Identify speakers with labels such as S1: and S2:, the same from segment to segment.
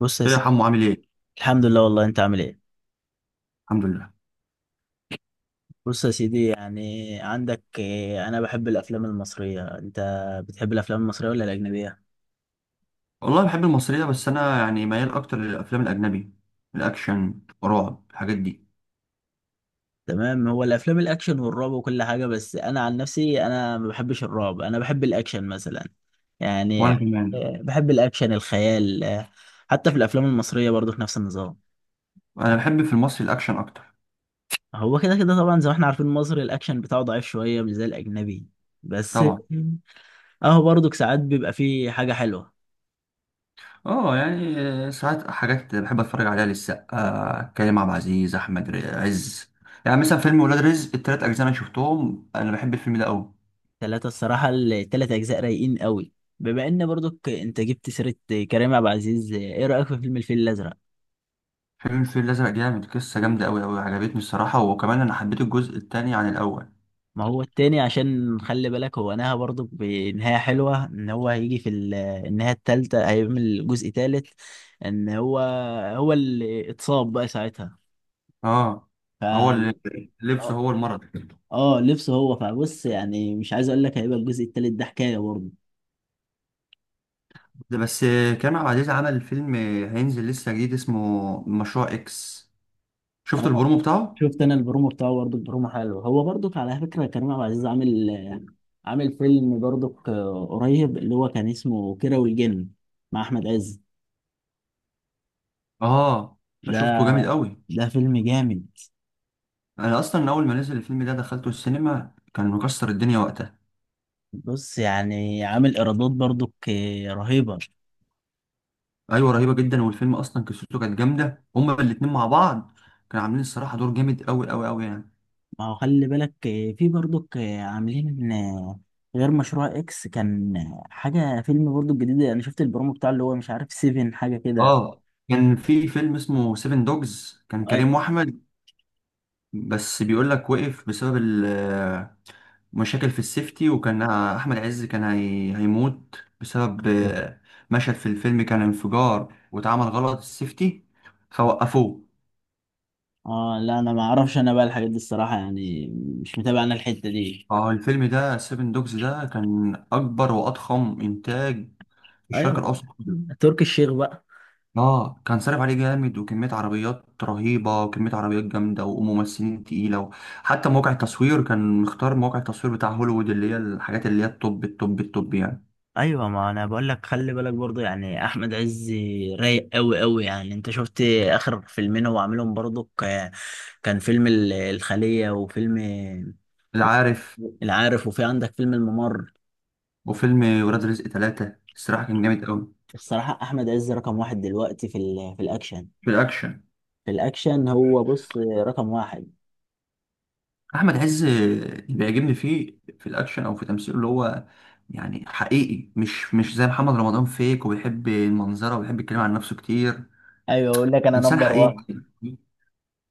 S1: بص يا
S2: ايه يا
S1: سيدي،
S2: حمو عامل ايه؟
S1: الحمد لله. والله انت عامل ايه؟
S2: الحمد لله.
S1: بص يا سيدي، يعني عندك انا بحب الافلام المصريه. انت بتحب الافلام المصريه ولا الاجنبيه؟
S2: والله بحب المصرية، بس أنا يعني ميال أكتر للأفلام الأجنبي، الأكشن، رعب، الحاجات دي.
S1: تمام. هو الافلام الاكشن والرعب وكل حاجه، بس انا عن نفسي انا ما بحبش الرعب، انا بحب الاكشن مثلا. يعني
S2: وأنا كمان.
S1: بحب الاكشن، الخيال، حتى في الافلام المصريه برضو في نفس النظام.
S2: أنا بحب في المصري الأكشن أكتر.
S1: هو كده كده طبعا، زي ما احنا عارفين مصر الاكشن بتاعه ضعيف شويه، مش زي الاجنبي، بس
S2: طبعا.
S1: اهو برضو ساعات بيبقى فيه حاجه حلوه.
S2: أه يعني، ساعات حاجات بحب أتفرج عليها للسقا، كريم عبد العزيز، أحمد عز. يعني مثلا فيلم ولاد رزق، التلات أجزاء أنا شفتهم. أنا بحب الفيلم ده أوي.
S1: ثلاثة، الصراحة الثلاث أجزاء رايقين قوي. بما إن برضك أنت جبت سيرة كريم عبد العزيز، إيه رأيك في فيلم الفيل الأزرق؟
S2: فيلم الفيل الأزرق جامد، قصة جامدة أوي أوي، عجبتني الصراحة. وكمان أنا حبيت الجزء التاني عن الأول.
S1: ما هو التاني عشان خلي بالك هو نهى برضك بنهاية حلوة، إن هو هيجي في النهاية التالتة هيعمل جزء تالت، إن هو. هو اللي اتصاب بقى ساعتها.
S2: أه.
S1: ف
S2: هو
S1: آه
S2: اللي- اللبس هو المرض.
S1: لبسه هو. فبص يعني، مش عايز أقول لك، هيبقى الجزء التالت ده حكاية برضه.
S2: ده بس. كريم عبد العزيز عمل فيلم هينزل لسه جديد اسمه مشروع اكس، شفت البرومو بتاعه.
S1: شفت انا البرومو بتاعه برضه، البرومو حلو، هو برضه على فكره كريم عبد العزيز عامل فيلم برضه قريب اللي هو كان اسمه كيرة والجن، مع احمد عز.
S2: اه، ده
S1: ده
S2: شفته جامد قوي.
S1: ده فيلم جامد.
S2: انا اصلا اول ما نزل الفيلم ده دخلته السينما، كان مكسر الدنيا وقتها.
S1: بص يعني عامل ايرادات برضه رهيبه.
S2: ايوه، رهيبه جدا. والفيلم اصلا قصته كانت جامده، هما الاتنين مع بعض كانوا عاملين الصراحه دور جامد قوي قوي قوي يعني.
S1: ما هو خلي بالك، في برضه عاملين، غير مشروع اكس، كان حاجه فيلم برضه جديد انا شفت البرومو بتاعه، اللي هو مش عارف سيفن حاجه كده.
S2: اه، كان في فيلم اسمه سيفن دوجز، كان
S1: أي-
S2: كريم واحمد. بس بيقول لك وقف بسبب مشاكل في السيفتي، وكان احمد عز كان هيموت بسبب مشهد في الفيلم كان انفجار واتعمل غلط السيفتي فوقفوه.
S1: اه لا، انا ما اعرفش انا بقى الحاجات دي الصراحه يعني، مش متابع انا الحته دي.
S2: اه، الفيلم ده سيفن دوجز ده كان اكبر واضخم انتاج في
S1: ايوه،
S2: الشرق الاوسط كله.
S1: تركي الشيخ بقى.
S2: اه، كان صارف عليه جامد، وكميه عربيات رهيبه، وكميه عربيات جامده، وممثلين تقيله. حتى مواقع التصوير كان مختار مواقع التصوير بتاع هوليوود، اللي هي الحاجات اللي هي التوب التوب التوب يعني.
S1: ايوه، ما انا بقول لك، خلي بالك برضو يعني احمد عز رايق قوي قوي، يعني انت شفت اخر فيلمين هو عاملهم برضو، كان فيلم الخلية، وفيلم
S2: العارف،
S1: العارف، وفي عندك فيلم الممر.
S2: وفيلم ولاد رزق ثلاثة، الصراحة كان جامد أوي.
S1: الصراحة احمد عز رقم واحد دلوقتي، في الاكشن.
S2: في الاكشن.
S1: في الاكشن هو بص، رقم واحد.
S2: احمد عز اللي بيعجبني فيه في الاكشن او في تمثيله اللي هو، يعني حقيقي، مش زي محمد رمضان فيك، وبيحب المنظره، وبيحب يتكلم عن نفسه كتير.
S1: ايوه، اقول لك انا
S2: انسان
S1: نمبر وان.
S2: حقيقي.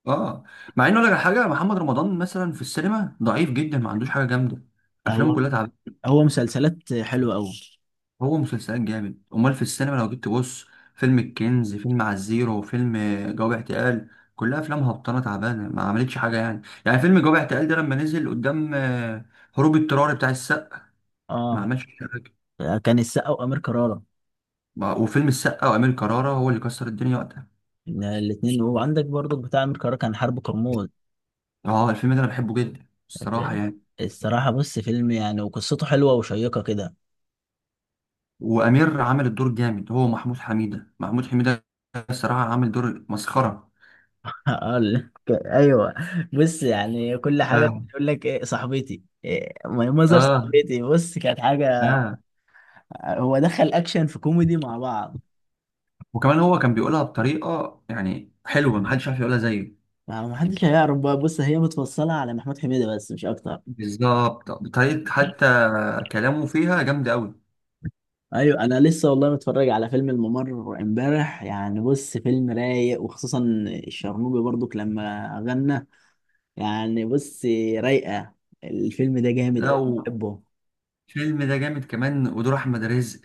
S2: اه. مع انه لك حاجه، محمد رمضان مثلا في السينما ضعيف جدا، ما عندوش حاجه جامده، افلامه
S1: هو
S2: كلها تعبانه.
S1: هو مسلسلات حلوة قوي.
S2: هو مسلسلات جامد، امال في السينما لو جيت تبص، فيلم الكنز، فيلم على الزيرو، فيلم جواب اعتقال، كلها افلام هبطانه تعبانه ما عملتش حاجه يعني. فيلم جواب اعتقال ده لما نزل قدام هروب اضطراري بتاع السقا، ما
S1: اه،
S2: عملش حاجه.
S1: كان السقا وامير كرارة
S2: وفيلم السقا وامير كرارة هو اللي كسر الدنيا وقتها.
S1: الاثنين. وعندك برضو بتاع أمير كرارة كان حرب كرموز.
S2: اه، الفيلم ده انا بحبه جدا الصراحه يعني.
S1: الصراحة بص فيلم يعني، وقصته حلوة وشيقة كده.
S2: وامير عمل الدور جامد. هو محمود حميده، محمود حميده الصراحه عامل دور مسخره.
S1: ايوه. بص يعني كل حاجة،
S2: اه،
S1: يقول لك ايه صاحبتي، إيه مظهر
S2: اه،
S1: صاحبتي، بص كانت حاجة.
S2: اه.
S1: هو دخل اكشن في كوميدي مع بعض.
S2: وكمان هو كان بيقولها بطريقة يعني حلوة، محدش عارف يقولها زيه.
S1: ما حدش هيعرف بقى، بص هي متفصلة على محمود حميدة بس، مش اكتر.
S2: بالظبط، بطريقة حتى كلامه فيها جامدة أوي.
S1: ايوه، انا لسه والله متفرج على فيلم الممر امبارح، يعني بص فيلم رايق، وخصوصا الشرنوبي برضو لما غنى، يعني بص رايقة. الفيلم ده جامد
S2: لا،
S1: أوي،
S2: والفيلم
S1: بحبه.
S2: ده جامد كمان. ودور أحمد رزق،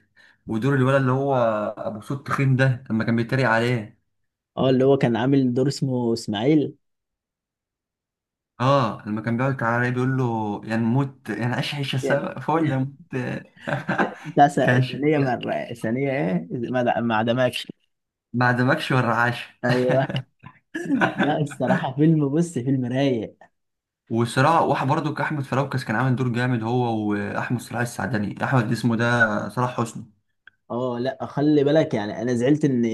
S2: ودور الولد اللي هو أبو صوت تخين ده، لما كان بيتريق عليه.
S1: اه، اللي هو كان عامل دور اسمه إسماعيل.
S2: اه، لما كان بيقعد تعالى بيقول له يعني موت، يعني عيش عيشة
S1: يعني
S2: سوا فول يا موت.
S1: بتاع س-
S2: كانش،
S1: ثانية مرة ثانية إيه، ما عدمكش.
S2: ما عدمكش ولا عاش.
S1: أيوه. لا الصراحة فيلم، بص فيلم رايق.
S2: وصراع واحد برضه كأحمد فراوكس كان عامل دور جامد، هو وأحمد صلاح السعدني، اسمه ده صلاح حسني.
S1: اه لا، خلي بالك يعني، أنا زعلت إن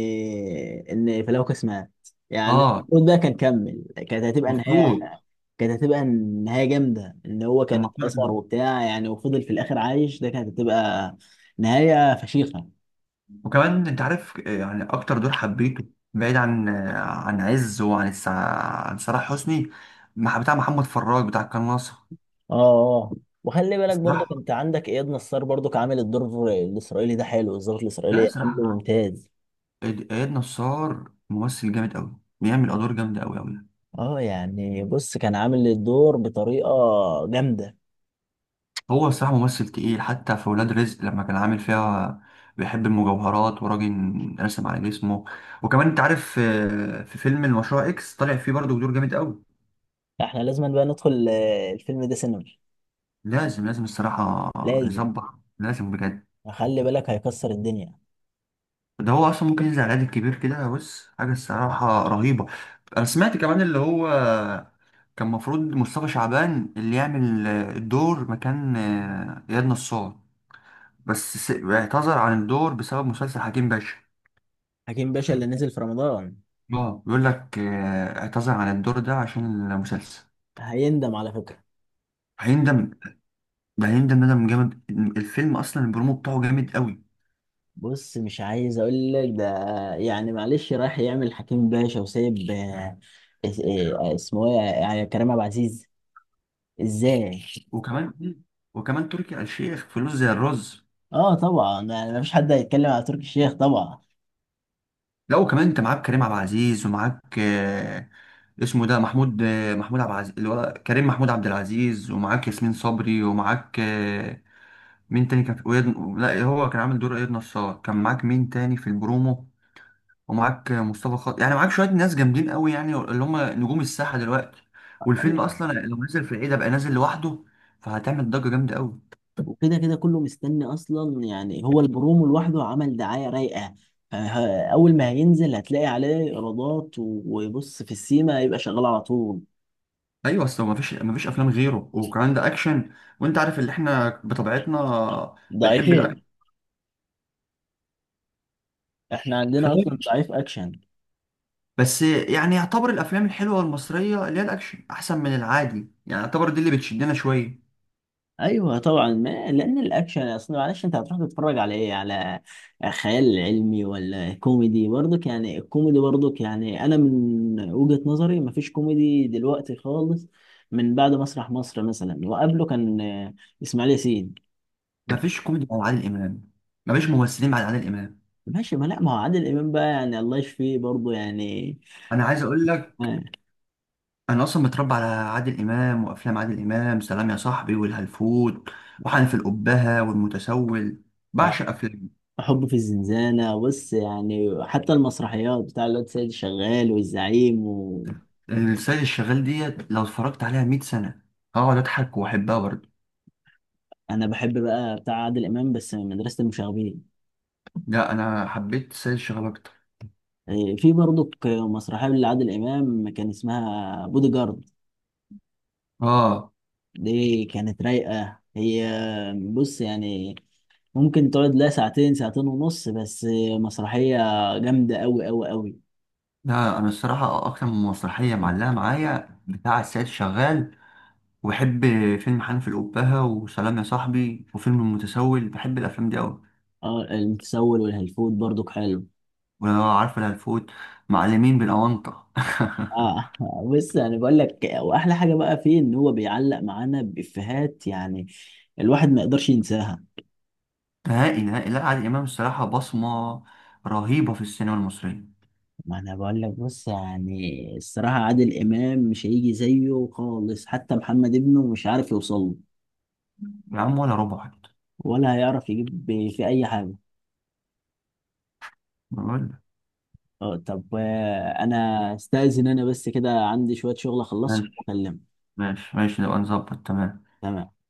S1: إن فلوكس مات، يعني
S2: اه.
S1: المفروض ده كان كمل. كانت هتبقى النهاية
S2: مفروض
S1: كانت هتبقى النهاية جامدة، إن هو
S2: كان
S1: كان اتأثر
S2: مفروض.
S1: وبتاع يعني، وفضل في الآخر عايش، ده كانت هتبقى نهاية فشيخة.
S2: وكمان انت عارف، يعني اكتر دور حبيته، بعيد عن عن عز وعن عن صلاح حسني، بتاع محمد فراج بتاع القناة ناصر.
S1: اه، اه. وخلي بالك برضك،
S2: الصراحة،
S1: انت عندك اياد نصار برضك عامل الدور الاسرائيلي ده حلو، الظابط
S2: لا،
S1: الاسرائيلي عامله
S2: الصراحة،
S1: ممتاز.
S2: إياد نصار ممثل جامد قوي، بيعمل ادوار جامدة قوي قوي.
S1: اه، يعني بص كان عامل الدور بطريقه جامده.
S2: هو الصراحة ممثل تقيل، حتى في ولاد رزق لما كان عامل فيها بيحب المجوهرات وراجل رسم على جسمه. وكمان انت عارف، في فيلم المشروع اكس طالع فيه برضه دور جامد قوي.
S1: احنا لازم بقى ندخل الفيلم ده سينما،
S2: لازم، لازم الصراحة.
S1: لازم.
S2: نظبط. لازم بجد.
S1: خلي بالك هيكسر الدنيا.
S2: ده هو أصلا ممكن ينزل على العيد الكبير كده، بص حاجة الصراحة رهيبة. أنا سمعت كمان اللي هو كان مفروض مصطفى شعبان اللي يعمل الدور مكان إياد نصار، بس اعتذر عن الدور بسبب مسلسل حكيم باشا.
S1: حكيم باشا اللي نزل في رمضان.
S2: اه، بيقول لك، اعتذر عن الدور ده عشان المسلسل.
S1: هيندم على فكره.
S2: هيندم. ده هيندم ندم جامد. الفيلم أصلا البرومو بتاعه جامد قوي.
S1: بص مش عايز اقول لك ده، يعني معلش رايح يعمل حكيم باشا وسايب اسمه ايه يعني كريم عبد العزيز، ازاي؟
S2: وكمان وكمان تركي آل الشيخ فلوس زي الرز.
S1: اه طبعا، يعني مفيش حد هيتكلم على تركي الشيخ طبعا.
S2: لا وكمان، انت معاك كريم عبد العزيز، ومعاك اسمه ده محمود عبد العزيز اللي هو كريم محمود عبد العزيز، ومعاك ياسمين صبري، ومعاك مين تاني كان في لا هو كان عامل دور اياد نصار، كان معاك مين تاني في البرومو، ومعاك مصطفى خاطر. يعني معاك شويه ناس جامدين قوي، يعني اللي هم نجوم الساحه دلوقتي. والفيلم
S1: ايوه
S2: اصلا
S1: طبعاً.
S2: لو نزل في العيد بقى نازل لوحده، فهتعمل ضجه جامده قوي.
S1: وكده كده كله مستني اصلا يعني، هو البرومو لوحده عمل دعايه رايقه. اول ما هينزل هتلاقي عليه ايرادات، و- وبص في السيما هيبقى شغال على طول.
S2: ايوه، اصل ما فيش افلام غيره، وكمان ده اكشن، وانت عارف اللي احنا بطبيعتنا بنحب
S1: ضعيفين. احنا عندنا اصلا
S2: الاكشن.
S1: ضعيف اكشن.
S2: بس يعني يعتبر الافلام الحلوه المصريه اللي هي الاكشن احسن من العادي. يعني يعتبر دي اللي بتشدنا شويه.
S1: ايوه طبعا، ما لان الاكشن اصل معلش، انت هتروح تتفرج على ايه؟ على خيال علمي ولا كوميدي برضك؟ يعني الكوميدي برضك يعني، انا من وجهة نظري مفيش كوميدي دلوقتي خالص، من بعد مسرح مصر مثلا، وقبله كان اسماعيل ياسين.
S2: مفيش كوميدي على عادل امام، مفيش ممثلين بعد عادل امام.
S1: ماشي، ما لا، ما هو عادل امام بقى يعني، الله يشفيه برضه يعني.
S2: انا عايز اقول لك،
S1: آه،
S2: انا اصلا متربى على عادل امام. وافلام عادل امام، سلام يا صاحبي، والهلفوت، وحنف القبهه، والمتسول،
S1: آه،
S2: بعشق افلام.
S1: حب في الزنزانة، بص يعني حتى المسرحيات بتاع الواد سيد شغال والزعيم و.
S2: السيد الشغال ديت لو اتفرجت عليها 100 سنه هقعد اضحك واحبها برضه.
S1: انا بحب بقى بتاع عادل امام، بس من مدرسة المشاغبين.
S2: لا، انا حبيت السيد الشغال اكتر.
S1: إيه، في برضك مسرحية لعادل إمام كان اسمها بودي جارد.
S2: اه،
S1: دي كانت رايقة هي، بص يعني ممكن تقعد لها ساعتين، ساعتين ونص بس. مسرحية جامدة أوي أوي أوي.
S2: لا انا الصراحه اكتر من مسرحيه معلقه معايا بتاع السيد شغال. وبحب فيلم حنف الأبهة وسلام يا صاحبي وفيلم المتسول، بحب الافلام دي قوي.
S1: اه، المتسول والهلفوت برضك حلو.
S2: ولو عارف الهلفوت، معلمين بالاونطه.
S1: اه. بص يعني بقول لك، وأحلى حاجة بقى فيه إن هو بيعلق معانا بإفيهات، يعني الواحد ما يقدرش ينساها.
S2: نهائي نهائي، لا عادل امام الصراحه بصمه رهيبه في السينما المصريه.
S1: ما انا بقول لك، بص يعني الصراحة عادل إمام مش هيجي زيه خالص، حتى محمد ابنه مش عارف يوصل له.
S2: يا عم ولا ربع حتى.
S1: ولا هيعرف يجيب في اي حاجه.
S2: بقول لك.
S1: اه طب، انا استاذن، انا بس كده عندي شويه شغل اخلصه
S2: ماشي،
S1: واكلمك.
S2: ماشي، ماشي، نبقى نظبط تمام.
S1: تمام.